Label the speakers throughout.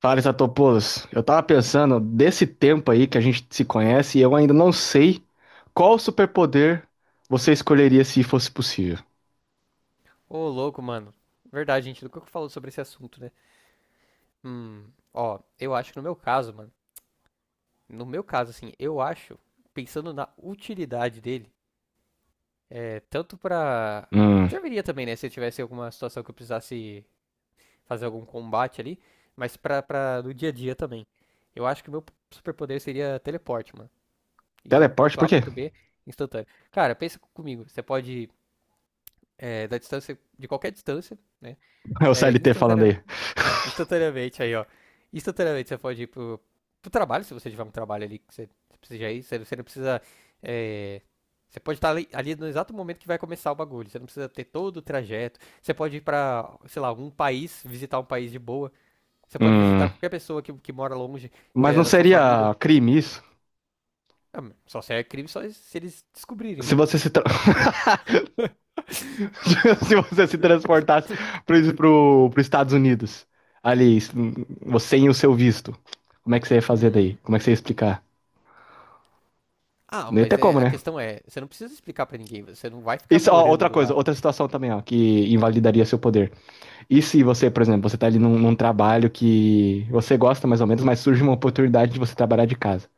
Speaker 1: Fala, Statopoulos. Eu tava pensando desse tempo aí que a gente se conhece e eu ainda não sei qual superpoder você escolheria se fosse possível.
Speaker 2: Ô, louco, mano. Verdade, gente. Do que eu falo sobre esse assunto, né? Hum, Ó, eu acho que no meu caso, mano. No meu caso, assim, eu acho, pensando na utilidade dele, tanto pra.
Speaker 1: Hum,
Speaker 2: Serviria também, né? Se eu tivesse alguma situação que eu precisasse fazer algum combate ali, mas pra no dia a dia também. Eu acho que o meu superpoder seria teleporte, mano. E de um
Speaker 1: teleporte,
Speaker 2: ponto
Speaker 1: por
Speaker 2: A pro
Speaker 1: quê?
Speaker 2: outro B instantâneo. Cara, pensa comigo. Você pode, da distância, de qualquer distância, né?
Speaker 1: É o
Speaker 2: É,
Speaker 1: CLT falando
Speaker 2: instantânea-
Speaker 1: aí.
Speaker 2: Instantaneamente aí, ó. Instantaneamente você pode ir pro trabalho, se você tiver um trabalho ali que você precisa ir, você não precisa. é, Você pode estar ali no exato momento que vai começar o bagulho. Você não precisa ter todo o trajeto. Você pode ir pra, sei lá, algum país, visitar um país de boa. Você pode visitar
Speaker 1: Hum,
Speaker 2: qualquer pessoa que mora longe, que
Speaker 1: mas
Speaker 2: é
Speaker 1: não
Speaker 2: da sua família.
Speaker 1: seria crime isso?
Speaker 2: Ah, só se é crime só se eles descobrirem,
Speaker 1: Se
Speaker 2: né?
Speaker 1: você se, tra- Se você se transportasse pro Estados Unidos, ali, você e o seu visto, como é que você ia fazer daí?
Speaker 2: Hum.
Speaker 1: Como é que você ia explicar?
Speaker 2: Ah,
Speaker 1: Não ia
Speaker 2: mas
Speaker 1: ter
Speaker 2: é,
Speaker 1: como,
Speaker 2: a
Speaker 1: né?
Speaker 2: questão é, você não precisa explicar pra ninguém, você não vai ficar
Speaker 1: Isso, ó, outra
Speaker 2: morando
Speaker 1: coisa,
Speaker 2: lá.
Speaker 1: outra situação também, ó, que invalidaria seu poder. E se você, por exemplo, você tá ali num trabalho que você gosta mais ou menos, mas surge uma oportunidade de você trabalhar de casa.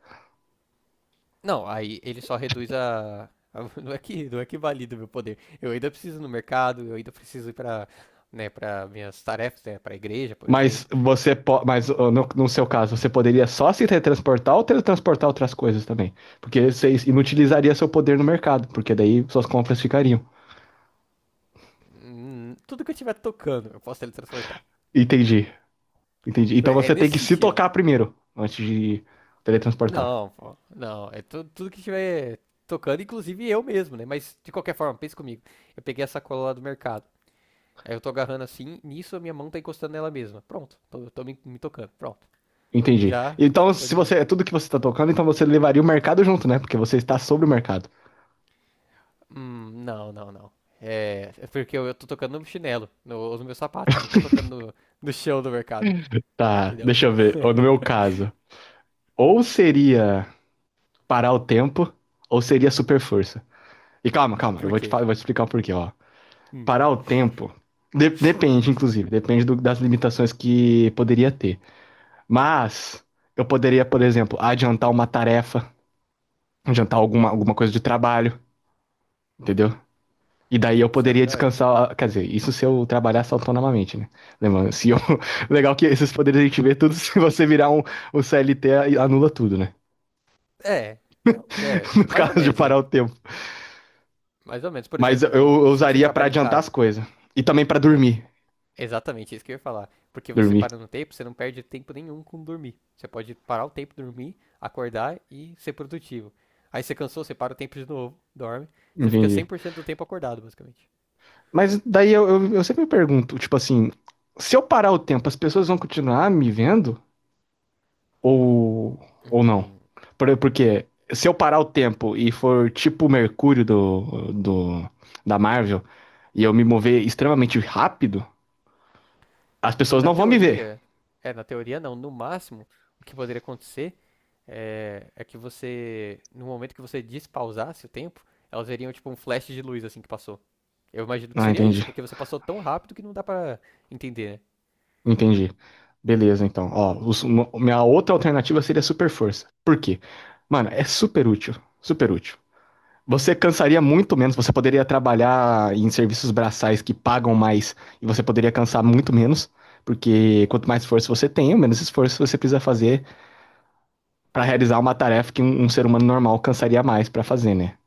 Speaker 2: Não, aí ele só reduz a. a- Não é não é que valida o meu poder. Eu ainda preciso ir no mercado, eu ainda preciso ir para, né, para minhas tarefas, né, para a igreja, por exemplo.
Speaker 1: Mas ó, no seu caso, você poderia só se teletransportar ou teletransportar outras coisas também? Porque você inutilizaria seu poder no mercado, porque daí suas compras ficariam.
Speaker 2: Tudo que eu estiver tocando, eu posso teletransportar.
Speaker 1: Entendi, entendi.
Speaker 2: Por-
Speaker 1: Então
Speaker 2: É
Speaker 1: você tem
Speaker 2: nesse
Speaker 1: que se
Speaker 2: sentido.
Speaker 1: tocar primeiro, antes de teletransportar.
Speaker 2: Não, pô, não, é tu- tudo que estiver tocando, inclusive eu mesmo, né? Mas de qualquer forma, pensa comigo. Eu peguei essa cola lá do mercado. Aí eu tô agarrando assim, nisso a minha mão tá encostando nela mesma. Pronto, tô me tocando, pronto.
Speaker 1: Entendi.
Speaker 2: Já,
Speaker 1: Então,
Speaker 2: já tô de
Speaker 1: se você
Speaker 2: boa.
Speaker 1: é tudo que você tá tocando, então você levaria o mercado junto, né? Porque você está sobre o mercado.
Speaker 2: Não, não, não. É, é porque eu tô tocando no chinelo, no meu sapato. Não tô tocando no chão do mercado,
Speaker 1: Tá,
Speaker 2: entendeu?
Speaker 1: deixa eu ver. Ó, no meu caso, ou seria parar o tempo, ou seria super força. E calma, calma,
Speaker 2: Por quê?
Speaker 1: eu vou te explicar o porquê, ó.
Speaker 2: Hum,
Speaker 1: Parar o tempo depende, inclusive, depende das limitações que poderia ter. Mas eu poderia, por exemplo, adiantar uma tarefa, adiantar alguma, alguma coisa de trabalho, entendeu? E daí eu
Speaker 2: isso é
Speaker 1: poderia
Speaker 2: verdade?
Speaker 1: descansar, quer dizer, isso se eu trabalhasse autonomamente, né? Lembrando, se eu... Legal que esses poderes a gente vê tudo, se você virar um CLT, anula tudo, né?
Speaker 2: É, é,
Speaker 1: No
Speaker 2: mais ou
Speaker 1: caso de
Speaker 2: menos, né?
Speaker 1: parar o tempo.
Speaker 2: Mais ou menos. Por
Speaker 1: Mas eu,
Speaker 2: exemplo, vo-
Speaker 1: eu
Speaker 2: se você
Speaker 1: usaria pra
Speaker 2: trabalha em
Speaker 1: adiantar as
Speaker 2: casa,
Speaker 1: coisas. E também pra
Speaker 2: bom,
Speaker 1: dormir.
Speaker 2: exatamente isso que eu ia falar. Porque você
Speaker 1: Dormir.
Speaker 2: para no tempo, você não perde tempo nenhum com dormir. Você pode parar o tempo, dormir, acordar e ser produtivo. Aí você cansou, você para o tempo de novo, dorme. Você fica
Speaker 1: Entendi.
Speaker 2: 100% do tempo acordado, basicamente.
Speaker 1: Mas daí eu sempre me pergunto, tipo assim, se eu parar o tempo, as pessoas vão continuar me vendo? Ou, ou não?
Speaker 2: Hum.
Speaker 1: Porque se eu parar o tempo e for tipo o Mercúrio da Marvel, e eu me mover extremamente rápido, as pessoas
Speaker 2: Na
Speaker 1: não vão me ver.
Speaker 2: teoria, é, na teoria não, no máximo, o que poderia acontecer é que no momento que você despausasse o tempo, elas veriam tipo um flash de luz assim que passou. Eu imagino que
Speaker 1: Ah,
Speaker 2: seria isso,
Speaker 1: entendi.
Speaker 2: porque você passou tão rápido que não dá pra entender, né?
Speaker 1: Entendi. Beleza, então. Ó, minha outra alternativa seria super força. Por quê? Mano, é super útil. Super útil. Você cansaria muito menos, você poderia trabalhar em serviços braçais que pagam mais e você poderia cansar muito menos, porque quanto mais força você tem, menos esforço você precisa fazer para realizar uma tarefa que um ser humano normal cansaria mais para fazer, né?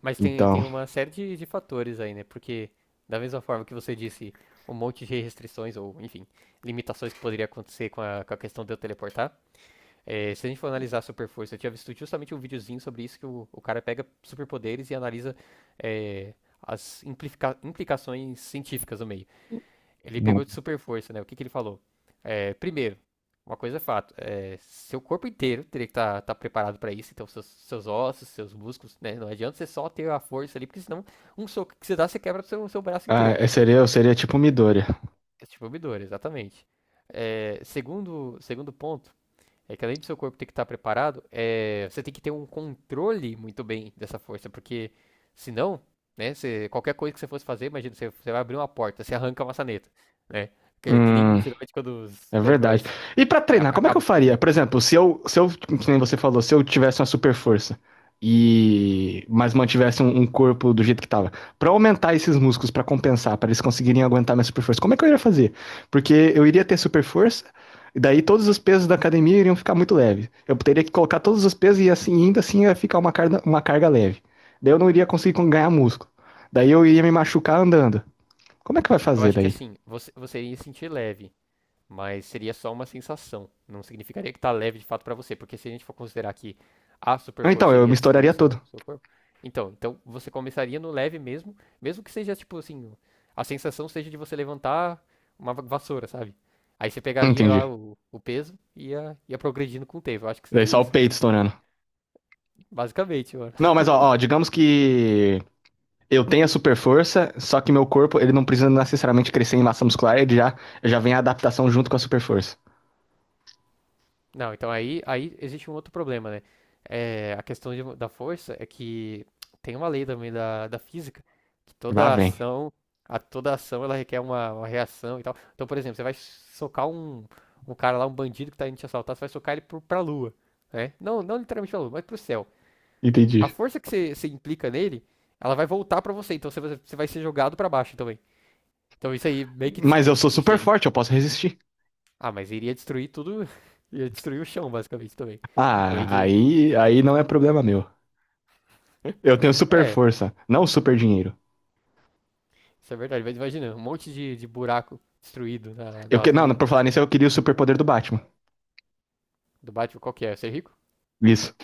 Speaker 2: Mas tem
Speaker 1: Então,
Speaker 2: uma série de fatores aí, né? Porque, da mesma forma que você disse um monte de restrições, ou enfim, limitações que poderia acontecer com com a questão de eu teleportar. É, se a gente for analisar Super Força, eu tinha visto justamente um videozinho sobre isso, que o cara pega superpoderes e analisa é, as implica- implicações científicas no meio. Ele pegou de Super Força, né? O que que ele falou? É, primeiro, uma coisa é fato, é, seu corpo inteiro teria que estar preparado para isso, então seus ossos, seus músculos, né? Não adianta você só ter a força ali, porque senão um soco que você dá, você quebra o seu braço
Speaker 1: ah,
Speaker 2: inteiro,
Speaker 1: eu
Speaker 2: né?
Speaker 1: seria, eu seria tipo um Midoriya.
Speaker 2: É tipo o Midori, exatamente. É, segundo ponto, é que além do seu corpo ter que estar preparado, é, você tem que ter um controle muito bem dessa força, porque senão, né, você, qualquer coisa que você fosse fazer, imagina, você vai abrir uma porta, você arranca a maçaneta, né? Que nem
Speaker 1: Hum.
Speaker 2: geralmente quando os
Speaker 1: É verdade.
Speaker 2: super-heróis
Speaker 1: E pra
Speaker 2: é,
Speaker 1: treinar, como é que
Speaker 2: acabam
Speaker 1: eu
Speaker 2: de
Speaker 1: faria?
Speaker 2: descobrir.
Speaker 1: Por exemplo, se eu, se eu, que nem você falou, se eu tivesse uma super força e mas mantivesse um corpo do jeito que tava, pra aumentar esses músculos pra compensar, pra eles conseguirem aguentar minha super força, como é que eu iria fazer? Porque eu iria ter super força e daí todos os pesos da academia iriam ficar muito leves. Eu teria que colocar todos os pesos e assim ainda assim ia ficar uma carga leve. Daí eu não iria ganhar músculo. Daí eu iria me machucar andando. Como é que vai
Speaker 2: Eu
Speaker 1: fazer
Speaker 2: acho que
Speaker 1: daí?
Speaker 2: assim, você iria se sentir leve. Mas seria só uma sensação. Não significaria que tá leve de fato para você, porque se a gente for considerar que a super
Speaker 1: Então,
Speaker 2: força
Speaker 1: eu me
Speaker 2: iria destruir
Speaker 1: estouraria todo.
Speaker 2: seu corpo, então você começaria no leve mesmo, mesmo que seja tipo assim, a sensação seja de você levantar uma va- vassoura, sabe? Aí você pegaria lá
Speaker 1: Entendi.
Speaker 2: o peso e ia progredindo com o tempo. Eu acho que
Speaker 1: Daí
Speaker 2: seria
Speaker 1: só o
Speaker 2: isso, mano.
Speaker 1: peito estourando.
Speaker 2: Basicamente, mano.
Speaker 1: Não, mas ó, ó, digamos que eu tenha super força, só que meu corpo, ele não precisa necessariamente crescer em massa muscular, ele já, já vem a adaptação junto com a super força.
Speaker 2: Não, então aí existe um outro problema, né? É, a questão de- da força é que tem uma lei também da física que
Speaker 1: Lá
Speaker 2: toda
Speaker 1: vem.
Speaker 2: ação, a toda ação ela requer uma reação e tal. Então, por exemplo, você vai socar um cara lá, um bandido que tá indo te assaltar, você vai socar ele pra lua, né? Não, não literalmente pra lua, mas pro céu. A
Speaker 1: Entendi.
Speaker 2: força que você implica nele, ela vai voltar pra você, então você vai ser jogado pra baixo também. Então isso aí meio que
Speaker 1: Mas eu
Speaker 2: tipo,
Speaker 1: sou
Speaker 2: não
Speaker 1: super
Speaker 2: sei.
Speaker 1: forte, eu posso resistir.
Speaker 2: Ah, mas iria destruir tudo, ia destruir o chão basicamente também. Além
Speaker 1: Ah,
Speaker 2: de
Speaker 1: aí não é problema meu. Eu tenho super
Speaker 2: é,
Speaker 1: força, não super dinheiro.
Speaker 2: isso é verdade. Mas imagina, um monte de buraco destruído
Speaker 1: Eu
Speaker 2: na
Speaker 1: que, não,
Speaker 2: rua
Speaker 1: por falar nisso, eu queria o superpoder do Batman.
Speaker 2: do Batman. Qual que é? Ser rico?
Speaker 1: Isso.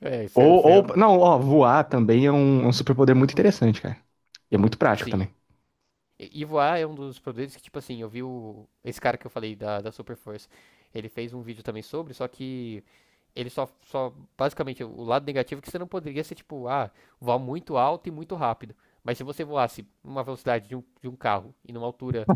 Speaker 2: É, isso é, isso
Speaker 1: Ou
Speaker 2: é-
Speaker 1: não, ó, voar também é um superpoder muito interessante, cara. E é muito prático
Speaker 2: Sim.
Speaker 1: também.
Speaker 2: E voar é um dos poderes que, tipo assim, eu vi o... Esse cara que eu falei da Super Force. Ele fez um vídeo também sobre, só que ele só, só. Basicamente, o lado negativo é que você não poderia ser, tipo, ah, voar muito alto e muito rápido. Mas se você voasse uma velocidade de um carro e numa altura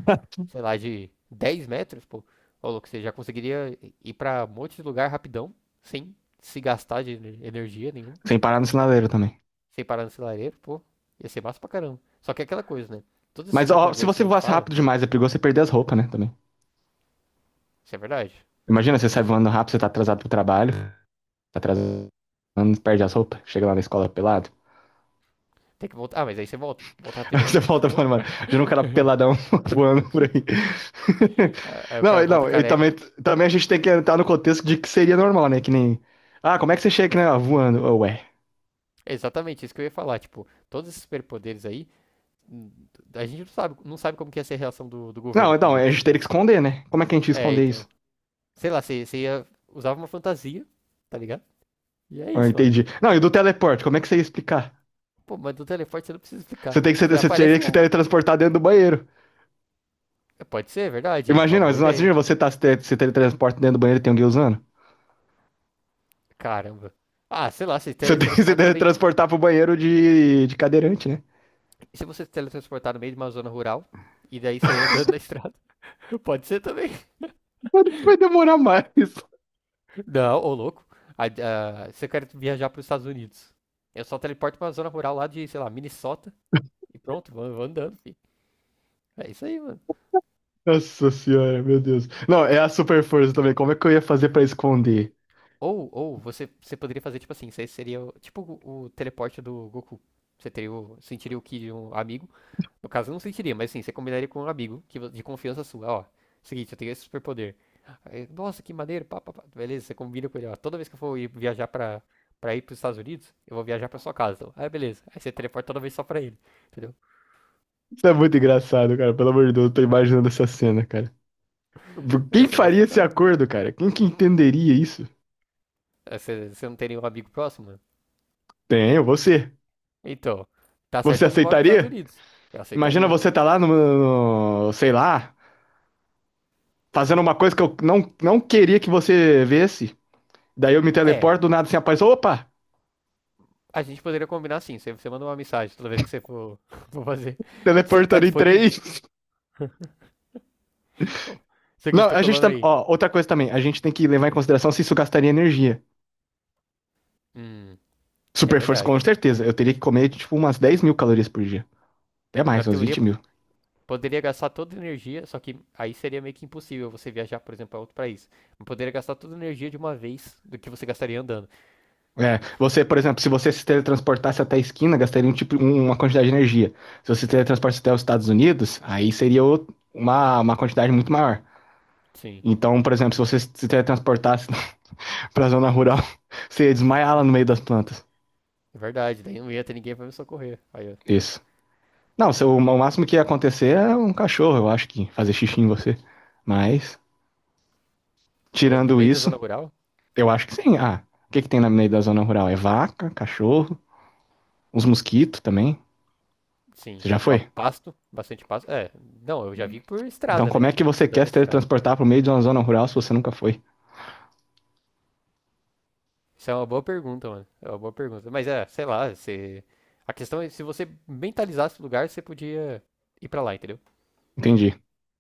Speaker 2: sei lá, de 10 metros, pô, ô louco, você já conseguiria ir pra um monte de lugar rapidão, sem se gastar de ener- energia nenhuma,
Speaker 1: Sem parar no sinaleiro também.
Speaker 2: sem parar no lareiro, pô, ia ser massa pra caramba. Só que é aquela coisa, né? Todos esses
Speaker 1: Mas ó, se
Speaker 2: superpoderes que
Speaker 1: você
Speaker 2: a gente
Speaker 1: voasse
Speaker 2: fala,
Speaker 1: rápido demais, é perigoso você perder as roupas, né? Também.
Speaker 2: isso é verdade.
Speaker 1: Imagina, você
Speaker 2: É
Speaker 1: sai
Speaker 2: só-
Speaker 1: voando rápido, você tá atrasado pro trabalho, tá atrasado, perde as roupas, chega lá na escola pelado.
Speaker 2: Tem que voltar. Ah, mas aí você volta. Volta
Speaker 1: Aí
Speaker 2: rapidão.
Speaker 1: você volta falando, mano, já não um cara peladão voando por aí.
Speaker 2: Ah, aí o
Speaker 1: Não,
Speaker 2: cara
Speaker 1: e
Speaker 2: volta
Speaker 1: não, e
Speaker 2: careca.
Speaker 1: também, também a gente tem que entrar no contexto de que seria normal, né? Que nem. Ah, como é que você chega aqui, né? Ah, voando, oh, ué.
Speaker 2: É exatamente isso que eu ia falar. Tipo, todos esses superpoderes aí, hum, a gente não sabe, não sabe como que ia ser a reação do, do
Speaker 1: Não,
Speaker 2: governo, por
Speaker 1: então, a
Speaker 2: exemplo, se
Speaker 1: gente teria que
Speaker 2: isso.
Speaker 1: esconder, né? Como é que a gente ia
Speaker 2: É,
Speaker 1: esconder
Speaker 2: então.
Speaker 1: isso?
Speaker 2: Sei lá, você ia. Usava uma fantasia, tá ligado? E é
Speaker 1: Ah,
Speaker 2: isso, mano.
Speaker 1: entendi. Não, e do teleporte, como é que você ia explicar?
Speaker 2: Pô, mas do teleporte você não precisa
Speaker 1: Você
Speaker 2: explicar.
Speaker 1: tem que ser,
Speaker 2: Você
Speaker 1: você teria
Speaker 2: aparece
Speaker 1: que se
Speaker 2: lá.
Speaker 1: teletransportar dentro do banheiro.
Speaker 2: Pode ser, é verdade. Uma
Speaker 1: Imagina,
Speaker 2: boa
Speaker 1: mas
Speaker 2: ideia.
Speaker 1: imagina você tá se, te- se teletransporta dentro do banheiro e tem alguém usando.
Speaker 2: Caramba. Ah, sei lá, você
Speaker 1: Você tem que se
Speaker 2: teletransporta no meio.
Speaker 1: teletransportar pro banheiro de cadeirante, né?
Speaker 2: Se você se teletransportar no meio de uma zona rural e daí sair andando na estrada, pode ser também.
Speaker 1: Mas vai demorar mais.
Speaker 2: Não, ô louco. Ah, se eu quero viajar para os Estados Unidos, eu só teleporto para uma zona rural lá de, sei lá, Minnesota e pronto, vou andando, fi. É isso aí, mano.
Speaker 1: Nossa senhora, meu Deus. Não, é a super força também. Como é que eu ia fazer pra esconder?
Speaker 2: Ou você poderia fazer tipo assim, você seria o- tipo o teleporte do Goku. Você teria o, sentiria o ki de um amigo. No caso, eu não sentiria, mas sim, você combinaria com um amigo que, de confiança sua. Ó, seguinte, eu tenho esse superpoder. Aí, nossa, que maneiro, pá, pá, pá. Beleza, você combina com ele, ó. Toda vez que eu for ir viajar pra, pra ir pros Estados Unidos, eu vou viajar pra sua casa. Então. Aí, beleza. Aí você teleporta toda vez só pra ele, entendeu?
Speaker 1: Isso é muito engraçado, cara. Pelo amor de Deus, eu tô imaginando essa cena, cara.
Speaker 2: Ia
Speaker 1: Quem
Speaker 2: ser massa
Speaker 1: faria
Speaker 2: pra
Speaker 1: esse
Speaker 2: caramba.
Speaker 1: acordo, cara? Quem que entenderia isso?
Speaker 2: Aí você, você não tem nenhum amigo próximo, mano?
Speaker 1: Tenho, você.
Speaker 2: Então, tá certo
Speaker 1: Você
Speaker 2: que eu não moro nos Estados
Speaker 1: aceitaria?
Speaker 2: Unidos. Eu
Speaker 1: Imagina
Speaker 2: aceitaria,
Speaker 1: você
Speaker 2: pô.
Speaker 1: tá lá sei lá, fazendo uma coisa que eu não queria que você visse. Daí eu me
Speaker 2: É,
Speaker 1: teleporto, do nada assim aparece, opa,
Speaker 2: a gente poderia combinar assim. Você manda uma mensagem toda vez que você for, for fazer. Você tá
Speaker 1: teleportando em
Speaker 2: disponível?
Speaker 1: três.
Speaker 2: Ô, seguinte,
Speaker 1: Não,
Speaker 2: tô
Speaker 1: a gente
Speaker 2: colando
Speaker 1: também,
Speaker 2: aí.
Speaker 1: ó, outra coisa também, a gente tem que levar em consideração se isso gastaria energia.
Speaker 2: Hum, é
Speaker 1: Super força, com
Speaker 2: verdade.
Speaker 1: certeza. Eu teria que comer, tipo, umas 10.000 calorias por dia. Até
Speaker 2: Na
Speaker 1: mais, umas
Speaker 2: teoria,
Speaker 1: 20.000.
Speaker 2: poderia gastar toda a energia, só que aí seria meio que impossível você viajar, por exemplo, para outro país. Mas poderia gastar toda a energia de uma vez do que você gastaria andando.
Speaker 1: É, você, por exemplo, se você se teletransportasse até a esquina, gastaria uma quantidade de energia. Se você se teletransportasse até os Estados Unidos, aí seria uma quantidade muito maior.
Speaker 2: Sim,
Speaker 1: Então, por exemplo, se você se teletransportasse para a zona rural, você ia desmaiar lá no meio das plantas.
Speaker 2: é verdade. Daí não ia ter ninguém para me socorrer. Aí, ó,
Speaker 1: Isso. Não, se o, o máximo que ia acontecer é um cachorro, eu acho que fazer xixi em você. Mas,
Speaker 2: no
Speaker 1: tirando
Speaker 2: meio da
Speaker 1: isso,
Speaker 2: zona rural,
Speaker 1: eu acho que sim. Ah, o que que tem na meio da zona rural? É vaca, cachorro, uns mosquitos também.
Speaker 2: sim,
Speaker 1: Você já
Speaker 2: e ba-
Speaker 1: foi?
Speaker 2: pasto, bastante pasto. É, não, eu já vi por
Speaker 1: Então,
Speaker 2: estrada,
Speaker 1: como
Speaker 2: né?
Speaker 1: é que você
Speaker 2: Andando
Speaker 1: quer
Speaker 2: na
Speaker 1: se
Speaker 2: estrada.
Speaker 1: teletransportar para o meio de uma zona rural se você nunca foi?
Speaker 2: Isso é uma boa pergunta, mano. É uma boa pergunta. Mas é, sei lá, se... a questão é se você mentalizasse o lugar, você podia ir para lá, entendeu?
Speaker 1: Entendi.